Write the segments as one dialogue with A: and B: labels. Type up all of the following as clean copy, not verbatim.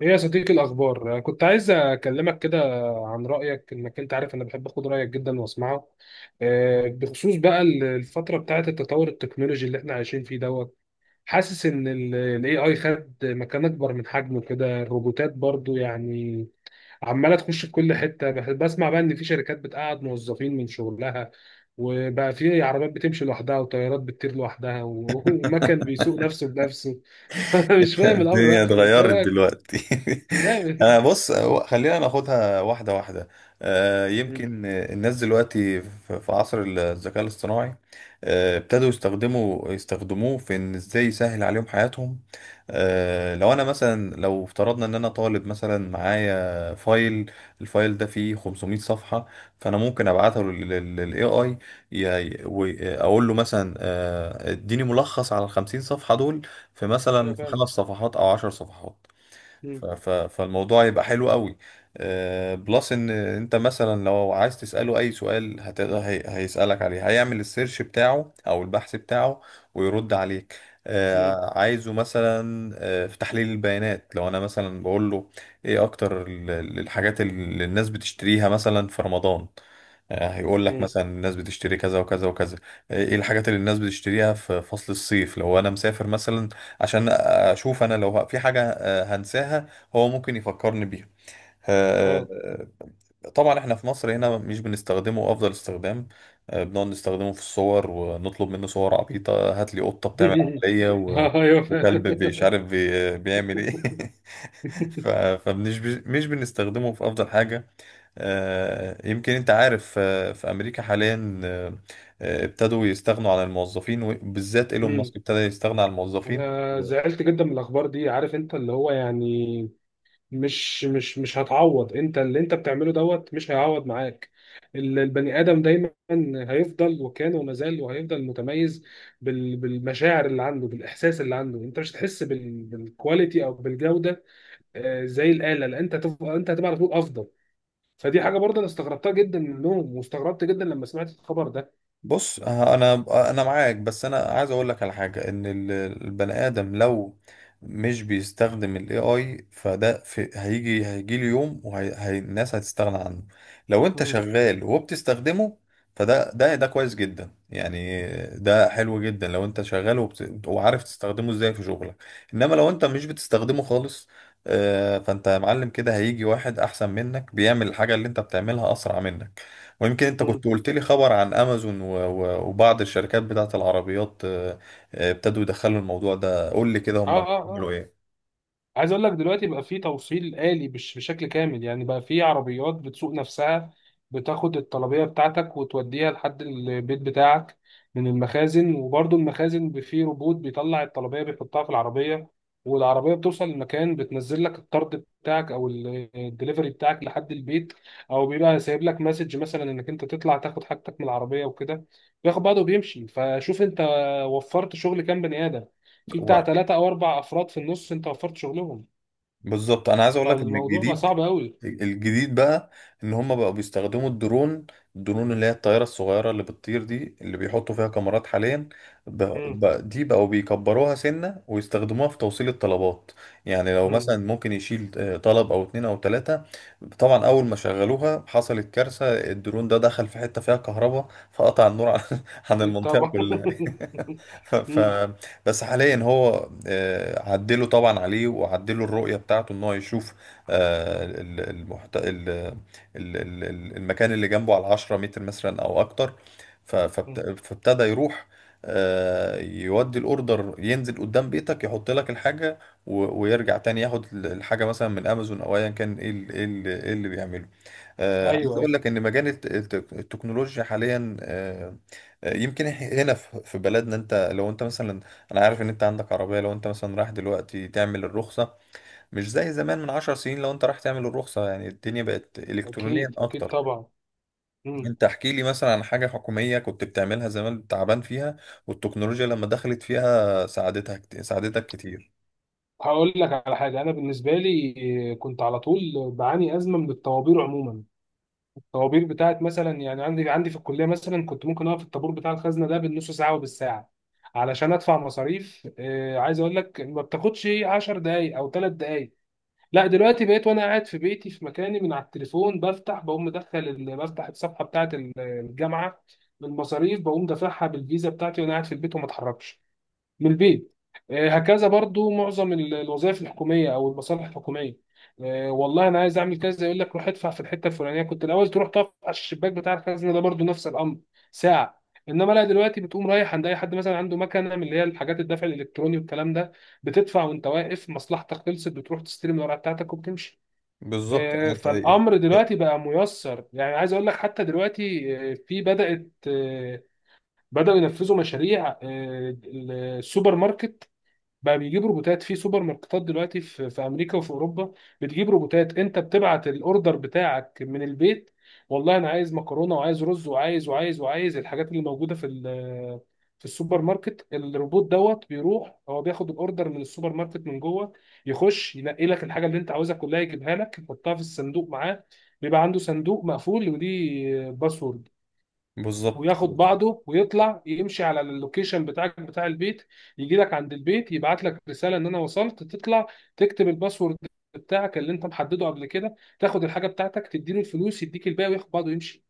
A: ايه يا صديقي الاخبار؟ أنا كنت عايز اكلمك كده عن رايك. انك انت عارف انا بحب اخد رايك جدا واسمعه. بخصوص بقى الفتره بتاعه التطور التكنولوجي اللي احنا عايشين فيه دوت. حاسس ان الاي اي خد مكان اكبر من حجمه كده، الروبوتات برضو يعني عماله تخش في كل حته. بسمع بقى ان في شركات بتقعد موظفين من شغلها، وبقى في عربيات بتمشي لوحدها وطيارات بتطير لوحدها ومكن بيسوق نفسه بنفسه. انا مش فاهم الامر رايح
B: الدنيا
A: فين، انت إيه
B: اتغيرت
A: رايك؟
B: دلوقتي. انا
A: جامد.
B: بص، خلينا ناخدها واحده واحده. يمكن الناس دلوقتي في عصر الذكاء الاصطناعي. ابتدوا يستخدموه في ان ازاي يسهل عليهم حياتهم. لو انا مثلا، لو افترضنا ان انا طالب مثلا معايا فايل، الفايل ده فيه 500 صفحه. فانا ممكن ابعته للاي اي، اقول له مثلا اديني ملخص على ال 50 صفحه دول. في مثلا
A: ايوه
B: في
A: فعلا.
B: 5 صفحات او 10 صفحات.
A: مم.
B: فالموضوع يبقى حلو قوي. بلس ان انت مثلا لو عايز تسأله اي سؤال، هتقدر هيسألك عليه، هيعمل السيرش بتاعه او البحث بتاعه، ويرد عليك.
A: مم.
B: عايزه مثلا، في تحليل البيانات لو انا مثلا بقول له، ايه اكتر الحاجات اللي الناس بتشتريها مثلا في رمضان؟ هيقول لك
A: مم.
B: مثلا الناس بتشتري كذا وكذا وكذا. ايه الحاجات اللي الناس بتشتريها في فصل الصيف لو انا مسافر مثلا؟ عشان اشوف انا لو في حاجة هنساها، هو ممكن يفكرني بيها.
A: اه.
B: آه، طبعا احنا في مصر هنا مش بنستخدمه افضل استخدام. بنقعد نستخدمه في الصور ونطلب منه صور عبيطة، هات لي قطة بتعمل عملية
A: ايوه
B: وكلب مش
A: فعلا.
B: عارف بيعمل ايه. فمش ب... مش بنستخدمه في افضل حاجة. يمكن انت عارف، في امريكا حاليا، ابتدوا يستغنوا عن الموظفين، وبالذات ايلون
A: مم.
B: ماسك ابتدى يستغنى عن الموظفين.
A: انا زعلت جدا من الاخبار دي. عارف انت اللي هو يعني مش هتعوض، انت اللي انت بتعمله دوت مش هيعوض معاك. البني ادم دايما هيفضل، وكان وما زال وهيفضل متميز بالمشاعر اللي عنده، بالاحساس اللي عنده. انت مش هتحس بالكواليتي او بالجوده زي الاله، لان انت انت هتبقى على طول افضل. فدي حاجه برضه انا استغربتها جدا منهم، واستغربت جدا لما سمعت الخبر ده.
B: بص، انا معاك، بس انا عايز اقول لك على حاجه ان البني ادم لو مش بيستخدم الاي اي فده في هيجي له يوم والناس هتستغنى عنه. لو انت
A: مم.
B: شغال وبتستخدمه فده ده ده كويس جدا يعني. ده حلو جدا لو انت شغال وعارف تستخدمه ازاي في شغلك. انما لو انت مش بتستخدمه خالص، فانت يا معلم كده هيجي واحد احسن منك بيعمل الحاجه اللي انت بتعملها اسرع منك. ويمكن انت كنت
A: مم.
B: قلت لي خبر عن امازون وبعض الشركات بتاعت العربيات. ابتدوا يدخلوا الموضوع ده. قول لي كده،
A: اه
B: هم
A: اه
B: بيعملوا
A: اه.
B: ايه؟
A: عايز اقول لك دلوقتي بقى في توصيل آلي بشكل كامل، يعني بقى في عربيات بتسوق نفسها، بتاخد الطلبية بتاعتك وتوديها لحد البيت بتاعك من المخازن. وبرضه المخازن في روبوت بيطلع الطلبية بيحطها في العربية، والعربية بتوصل المكان، بتنزل لك الطرد بتاعك او الدليفري بتاعك لحد البيت، او بيبقى سايب لك مسج مثلا انك انت تطلع تاخد حاجتك من العربية وكده، بياخد بعضه وبيمشي. فشوف انت وفرت شغل كام بني آدم؟ في بتاع
B: هو-
A: ثلاثة او اربع افراد في النص انت وفرت شغلهم.
B: بالظبط، انا عايز اقول لك ان
A: فالموضوع بقى صعب قوي.
B: الجديد بقى ان هم بقوا بيستخدموا الدرون. الدرون اللي هي الطيارة الصغيرة اللي بتطير دي، اللي بيحطوا فيها كاميرات حاليا.
A: امم.
B: دي بقوا بيكبروها سنة ويستخدموها في توصيل الطلبات. يعني لو
A: امم.
B: مثلا ممكن يشيل طلب او اتنين او تلاتة. طبعا اول ما شغلوها حصلت كارثة، الدرون ده دخل في حتة فيها كهرباء فقطع النور عن عن
A: اكيد
B: المنطقة
A: طبعا.
B: كلها. ف... ف...
A: امم.
B: بس حاليا هو، عدلوا طبعا عليه وعدلوا الرؤية بتاعته ان هو يشوف آه، ال- المحت... ال- ال- ال- ال- المكان اللي جنبه على 10 متر مثلا او اكتر.
A: أمم.
B: فابتدى يروح، يودي الاوردر، ينزل قدام بيتك، يحط لك الحاجه ويرجع تاني ياخد الحاجه مثلا من امازون او ايا كان. إيه اللي بيعمله؟ عايز
A: ايوه ايوه.
B: اقول لك ان مجال التكنولوجيا حاليا. يمكن هنا في بلدنا، انت لو انت مثلا، انا عارف ان انت عندك عربيه، لو انت مثلا رايح دلوقتي تعمل الرخصه، مش زي زمان من 10 سنين. لو انت رايح تعمل الرخصة يعني الدنيا بقت الكترونيا
A: اكيد اكيد
B: اكتر.
A: طبعا. امم.
B: انت احكي لي مثلا عن حاجة حكومية كنت بتعملها زمان تعبان فيها، والتكنولوجيا لما دخلت فيها ساعدتك كتير.
A: هقول لك على حاجه. انا بالنسبه لي كنت على طول بعاني ازمه من الطوابير عموما. الطوابير بتاعت مثلا يعني عندي في الكليه مثلا، كنت ممكن اقف في الطابور بتاع الخزنه ده بالنص ساعه وبالساعه علشان ادفع مصاريف. عايز اقول لك، ما بتاخدش 10 دقائق او 3 دقائق. لا دلوقتي بقيت وانا قاعد في بيتي في مكاني من على التليفون، بفتح بقوم مدخل بفتح الصفحه بتاعه الجامعه بالمصاريف، بقوم دافعها بالفيزا بتاعتي وانا قاعد في البيت وما اتحركش من البيت. هكذا برضو معظم الوظائف الحكوميه او المصالح الحكوميه. والله انا عايز اعمل كذا، يقول لك روح ادفع في الحته الفلانيه. كنت الاول تروح تقف على الشباك بتاع الخزنه ده برضو نفس الامر، ساعه. انما لا دلوقتي بتقوم رايح عند اي حد مثلا عنده مكنه من اللي هي الحاجات الدفع الالكتروني والكلام ده، بتدفع وانت واقف، مصلحتك خلصت، بتروح تستلم الورقه بتاعتك وبتمشي.
B: بالظبط أنا-
A: فالامر دلوقتي بقى ميسر، يعني عايز اقول لك حتى دلوقتي في بدات آه، بداوا ينفذوا مشاريع السوبر ماركت. بقى بيجيب روبوتات في سوبر ماركتات دلوقتي في امريكا وفي اوروبا، بتجيب روبوتات. انت بتبعت الاوردر بتاعك من البيت: والله انا عايز مكرونه وعايز رز وعايز وعايز الحاجات اللي موجوده في في السوبر ماركت. الروبوت دوت بيروح هو، بياخد الاوردر من السوبر ماركت من جوه، يخش ينقي لك الحاجه اللي انت عاوزها كلها، يجيبها لك يحطها في الصندوق معاه. بيبقى عنده صندوق مقفول وليه باسورد،
B: بالظبط.
A: وياخد بعضه ويطلع يمشي على اللوكيشن بتاعك بتاع البيت، يجي لك عند البيت، يبعت لك رسالة ان انا وصلت، تطلع تكتب الباسورد بتاعك اللي انت محدده قبل كده، تاخد الحاجة بتاعتك، تديله الفلوس يديك الباقي وياخد بعضه ويمشي.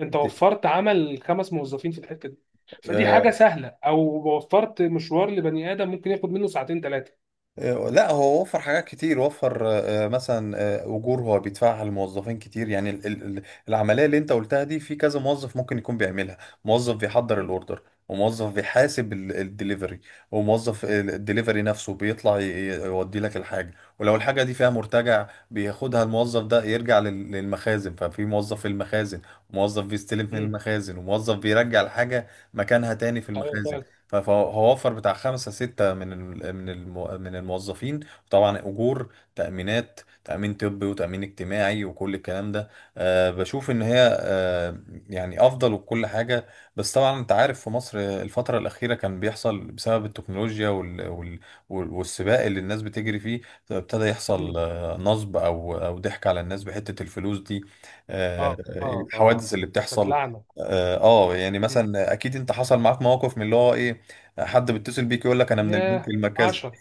A: انت وفرت عمل 5 موظفين في الحتة دي. فدي حاجة سهلة او وفرت مشوار لبني آدم ممكن ياخد منه ساعتين 3.
B: لا، هو وفر حاجات كتير، وفر مثلا اجور هو بيدفعها للموظفين كتير يعني. العمليه اللي انت قلتها دي في كذا موظف ممكن يكون بيعملها. موظف بيحضر
A: مم.
B: الاوردر، وموظف بيحاسب الدليفري، وموظف الدليفري نفسه بيطلع يودي لك الحاجه. ولو الحاجه دي فيها مرتجع بياخدها الموظف ده يرجع للمخازن، ففي موظف في المخازن، وموظف بيستلم من
A: مم.
B: المخازن، وموظف بيرجع الحاجه مكانها تاني في
A: ايوه
B: المخازن.
A: فعلا.
B: فهو وفر بتاع 5-6 من من الموظفين. طبعا أجور، تأمينات، تأمين طبي وتأمين اجتماعي وكل الكلام ده. بشوف إن هي يعني أفضل وكل حاجة. بس طبعا أنت عارف في مصر الفترة الأخيرة كان بيحصل، بسبب التكنولوجيا والسباق اللي الناس بتجري فيه، ابتدى
A: مم.
B: يحصل نصب أو ضحك على الناس بحتة الفلوس دي. آه،
A: اه اه اه.
B: الحوادث اللي بتحصل.
A: بتتلعنى.
B: اه. يعني
A: مم.
B: مثلا اكيد انت حصل معاك مواقف من اللي هو ايه، حد بيتصل بيك يقول لك انا من البنك
A: ياه
B: المركزي.
A: 10.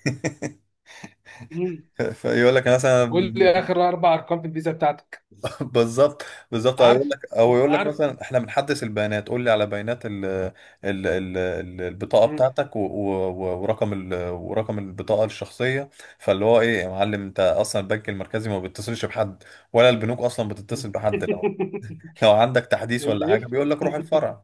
B: فيقول لك انا مثلا.
A: قول لي اخر 4 ارقام في الفيزا بتاعتك.
B: بالظبط. بالظبط،
A: عارف.
B: او يقول لك
A: عارف.
B: مثلا احنا بنحدث البيانات، قول لي على بيانات البطاقه
A: مم.
B: بتاعتك، ورقم ورقم البطاقه الشخصيه. فاللي هو ايه يا معلم، انت اصلا البنك المركزي ما بيتصلش بحد، ولا البنوك اصلا بتتصل
A: مم.
B: بحد. لو عندك تحديث ولا
A: اللي
B: حاجه بيقول
A: يفهم.
B: لك روح الفرع.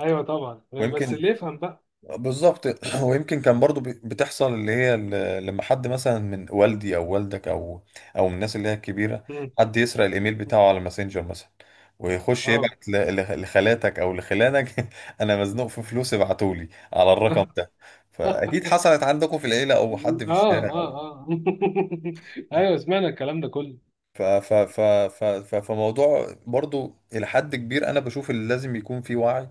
A: ايوه طبعا، بس
B: ويمكن.
A: اللي يفهم بقى.
B: بالظبط. ويمكن كان برضو بتحصل اللي هي لما حد مثلا من والدي او والدك او من الناس اللي هي الكبيره،
A: مم.
B: حد يسرق الايميل
A: مم.
B: بتاعه على ماسنجر مثلا، ويخش
A: اه.
B: يبعت لخالاتك او لخلانك، انا مزنوق في فلوس، ابعتولي على الرقم
A: اه
B: ده. فاكيد حصلت عندكم في العيله او حد في
A: اه
B: الشارع.
A: اه. ايوه سمعنا الكلام ده كله.
B: ف ف ف ف ف فموضوع برضو إلى حد كبير، أنا بشوف اللي لازم يكون فيه وعي.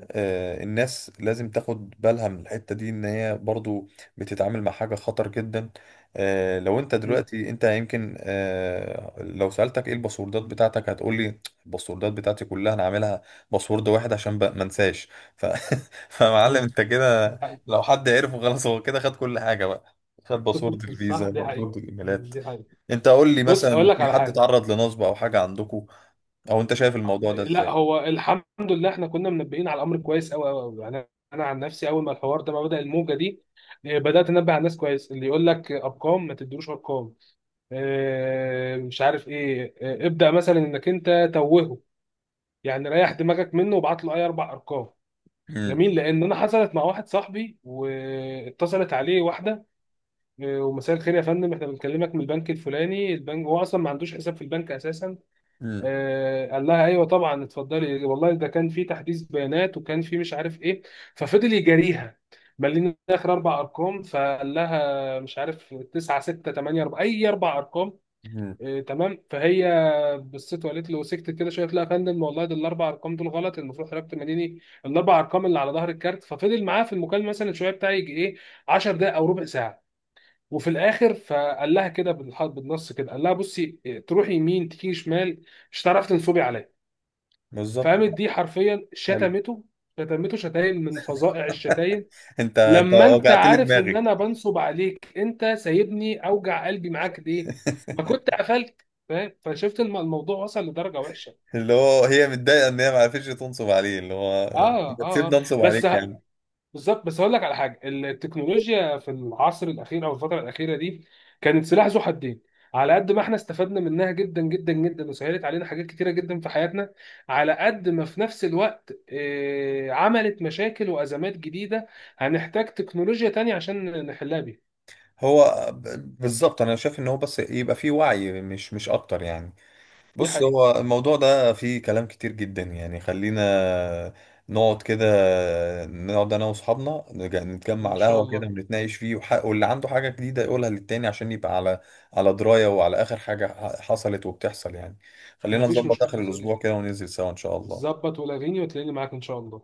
B: الناس لازم تاخد بالها من الحتة دي ان هي برضو بتتعامل مع حاجة خطر جدا. لو انت
A: مم.
B: دلوقتي انت يمكن، لو سألتك ايه الباسوردات بتاعتك هتقولي الباسوردات بتاعتي كلها انا عاملها باسورد واحد عشان ما انساش. ف... فمعلم
A: مم.
B: انت
A: ده
B: كده،
A: حقيقي.
B: لو حد عرفه خلاص هو كده خد كل حاجة بقى، خد باسورد الفيزا،
A: صح، دي حقيقة.
B: باسورد الايميلات.
A: دي حقيقة.
B: انت قول لي
A: بص هقول
B: مثلا،
A: لك
B: في
A: على
B: حد
A: حاجة.
B: اتعرض لنصب او حاجه عندكم؟ او انت شايف الموضوع ده
A: لا
B: ازاي؟
A: هو الحمد لله احنا كنا منبهين على الامر كويس، قوي قوي قوي يعني. انا عن نفسي اول ما الحوار ده ما بدأ الموجة دي، بدأت انبه على الناس كويس. اللي يقول لك ارقام ما تديلوش ارقام، مش عارف ايه، ابدأ مثلا انك انت توهه يعني، ريح دماغك منه وابعت له اي 4 ارقام.
B: امم
A: جميل. لان انا حصلت مع واحد صاحبي، واتصلت عليه واحده، ومساء الخير يا فندم احنا بنكلمك من البنك الفلاني. البنك هو اصلا ما عندوش حساب في البنك اساسا.
B: امم
A: قال لها ايوه طبعا اتفضلي، والله ده كان في تحديث بيانات وكان في مش عارف ايه. ففضل يجاريها. ملينا اخر 4 ارقام، فقال لها مش عارف 9 6 8 4، اي 4 ارقام.
B: امم
A: تمام. فهي بصيت وقالت له سكت كده شويه، قلت لها يا فندم والله ده الـ4 ارقام دول غلط، المفروض حضرتك تمديني الـ4 ارقام اللي على ظهر الكارت. ففضل معاه في المكالمه مثلا شويه بتاع، يجي ايه 10 دقائق او ربع ساعه. وفي الاخر فقال لها كده بالنص كده قال لها بصي، تروحي يمين تيجي شمال مش هتعرفي تنصبي عليا.
B: بالظبط.
A: فقامت دي حرفيا
B: حلو.
A: شتمته، شتمته شتايم من فظائع الشتايم.
B: انت
A: لما انت
B: وجعت لي
A: عارف ان
B: دماغي.
A: انا بنصب عليك، انت سايبني اوجع قلبي معاك ليه؟ ما كنت قفلت. فاهم؟ فشفت الموضوع وصل لدرجه وحشه.
B: اللي هو هي متضايقه ان هي ما عرفتش تنصب عليه، اللي هو
A: اه
B: انت
A: اه اه.
B: تسيبني انصب
A: بس
B: عليك
A: ه-
B: يعني.
A: بالظبط. بس هقول لك على حاجه، التكنولوجيا في العصر الاخير او الفتره الاخيره دي كانت سلاح ذو حدين. على قد ما احنا استفدنا منها جدا جدا جدا وسهلت علينا حاجات كتيره جدا في حياتنا، على قد ما في نفس الوقت عملت مشاكل وازمات جديده هنحتاج تكنولوجيا تانية عشان نحلها بيها.
B: هو بالظبط، انا شايف ان هو بس يبقى فيه وعي مش اكتر يعني.
A: دي
B: بص،
A: حقيقة.
B: هو الموضوع ده فيه كلام كتير جدا يعني. خلينا نقعد كده نقعد انا واصحابنا نتجمع
A: ان
B: على
A: شاء
B: القهوه كده
A: الله.
B: ونتناقش فيه، واللي عنده حاجه جديده يقولها للتاني عشان يبقى على درايه وعلى اخر حاجه حصلت وبتحصل يعني. خلينا
A: مفيش
B: نظبط
A: مشكله
B: اخر
A: يا
B: الاسبوع
A: صديقي.
B: كده وننزل سوا، ان شاء الله.
A: ظبط ولاغيني وتلاقيني معاك ان شاء الله.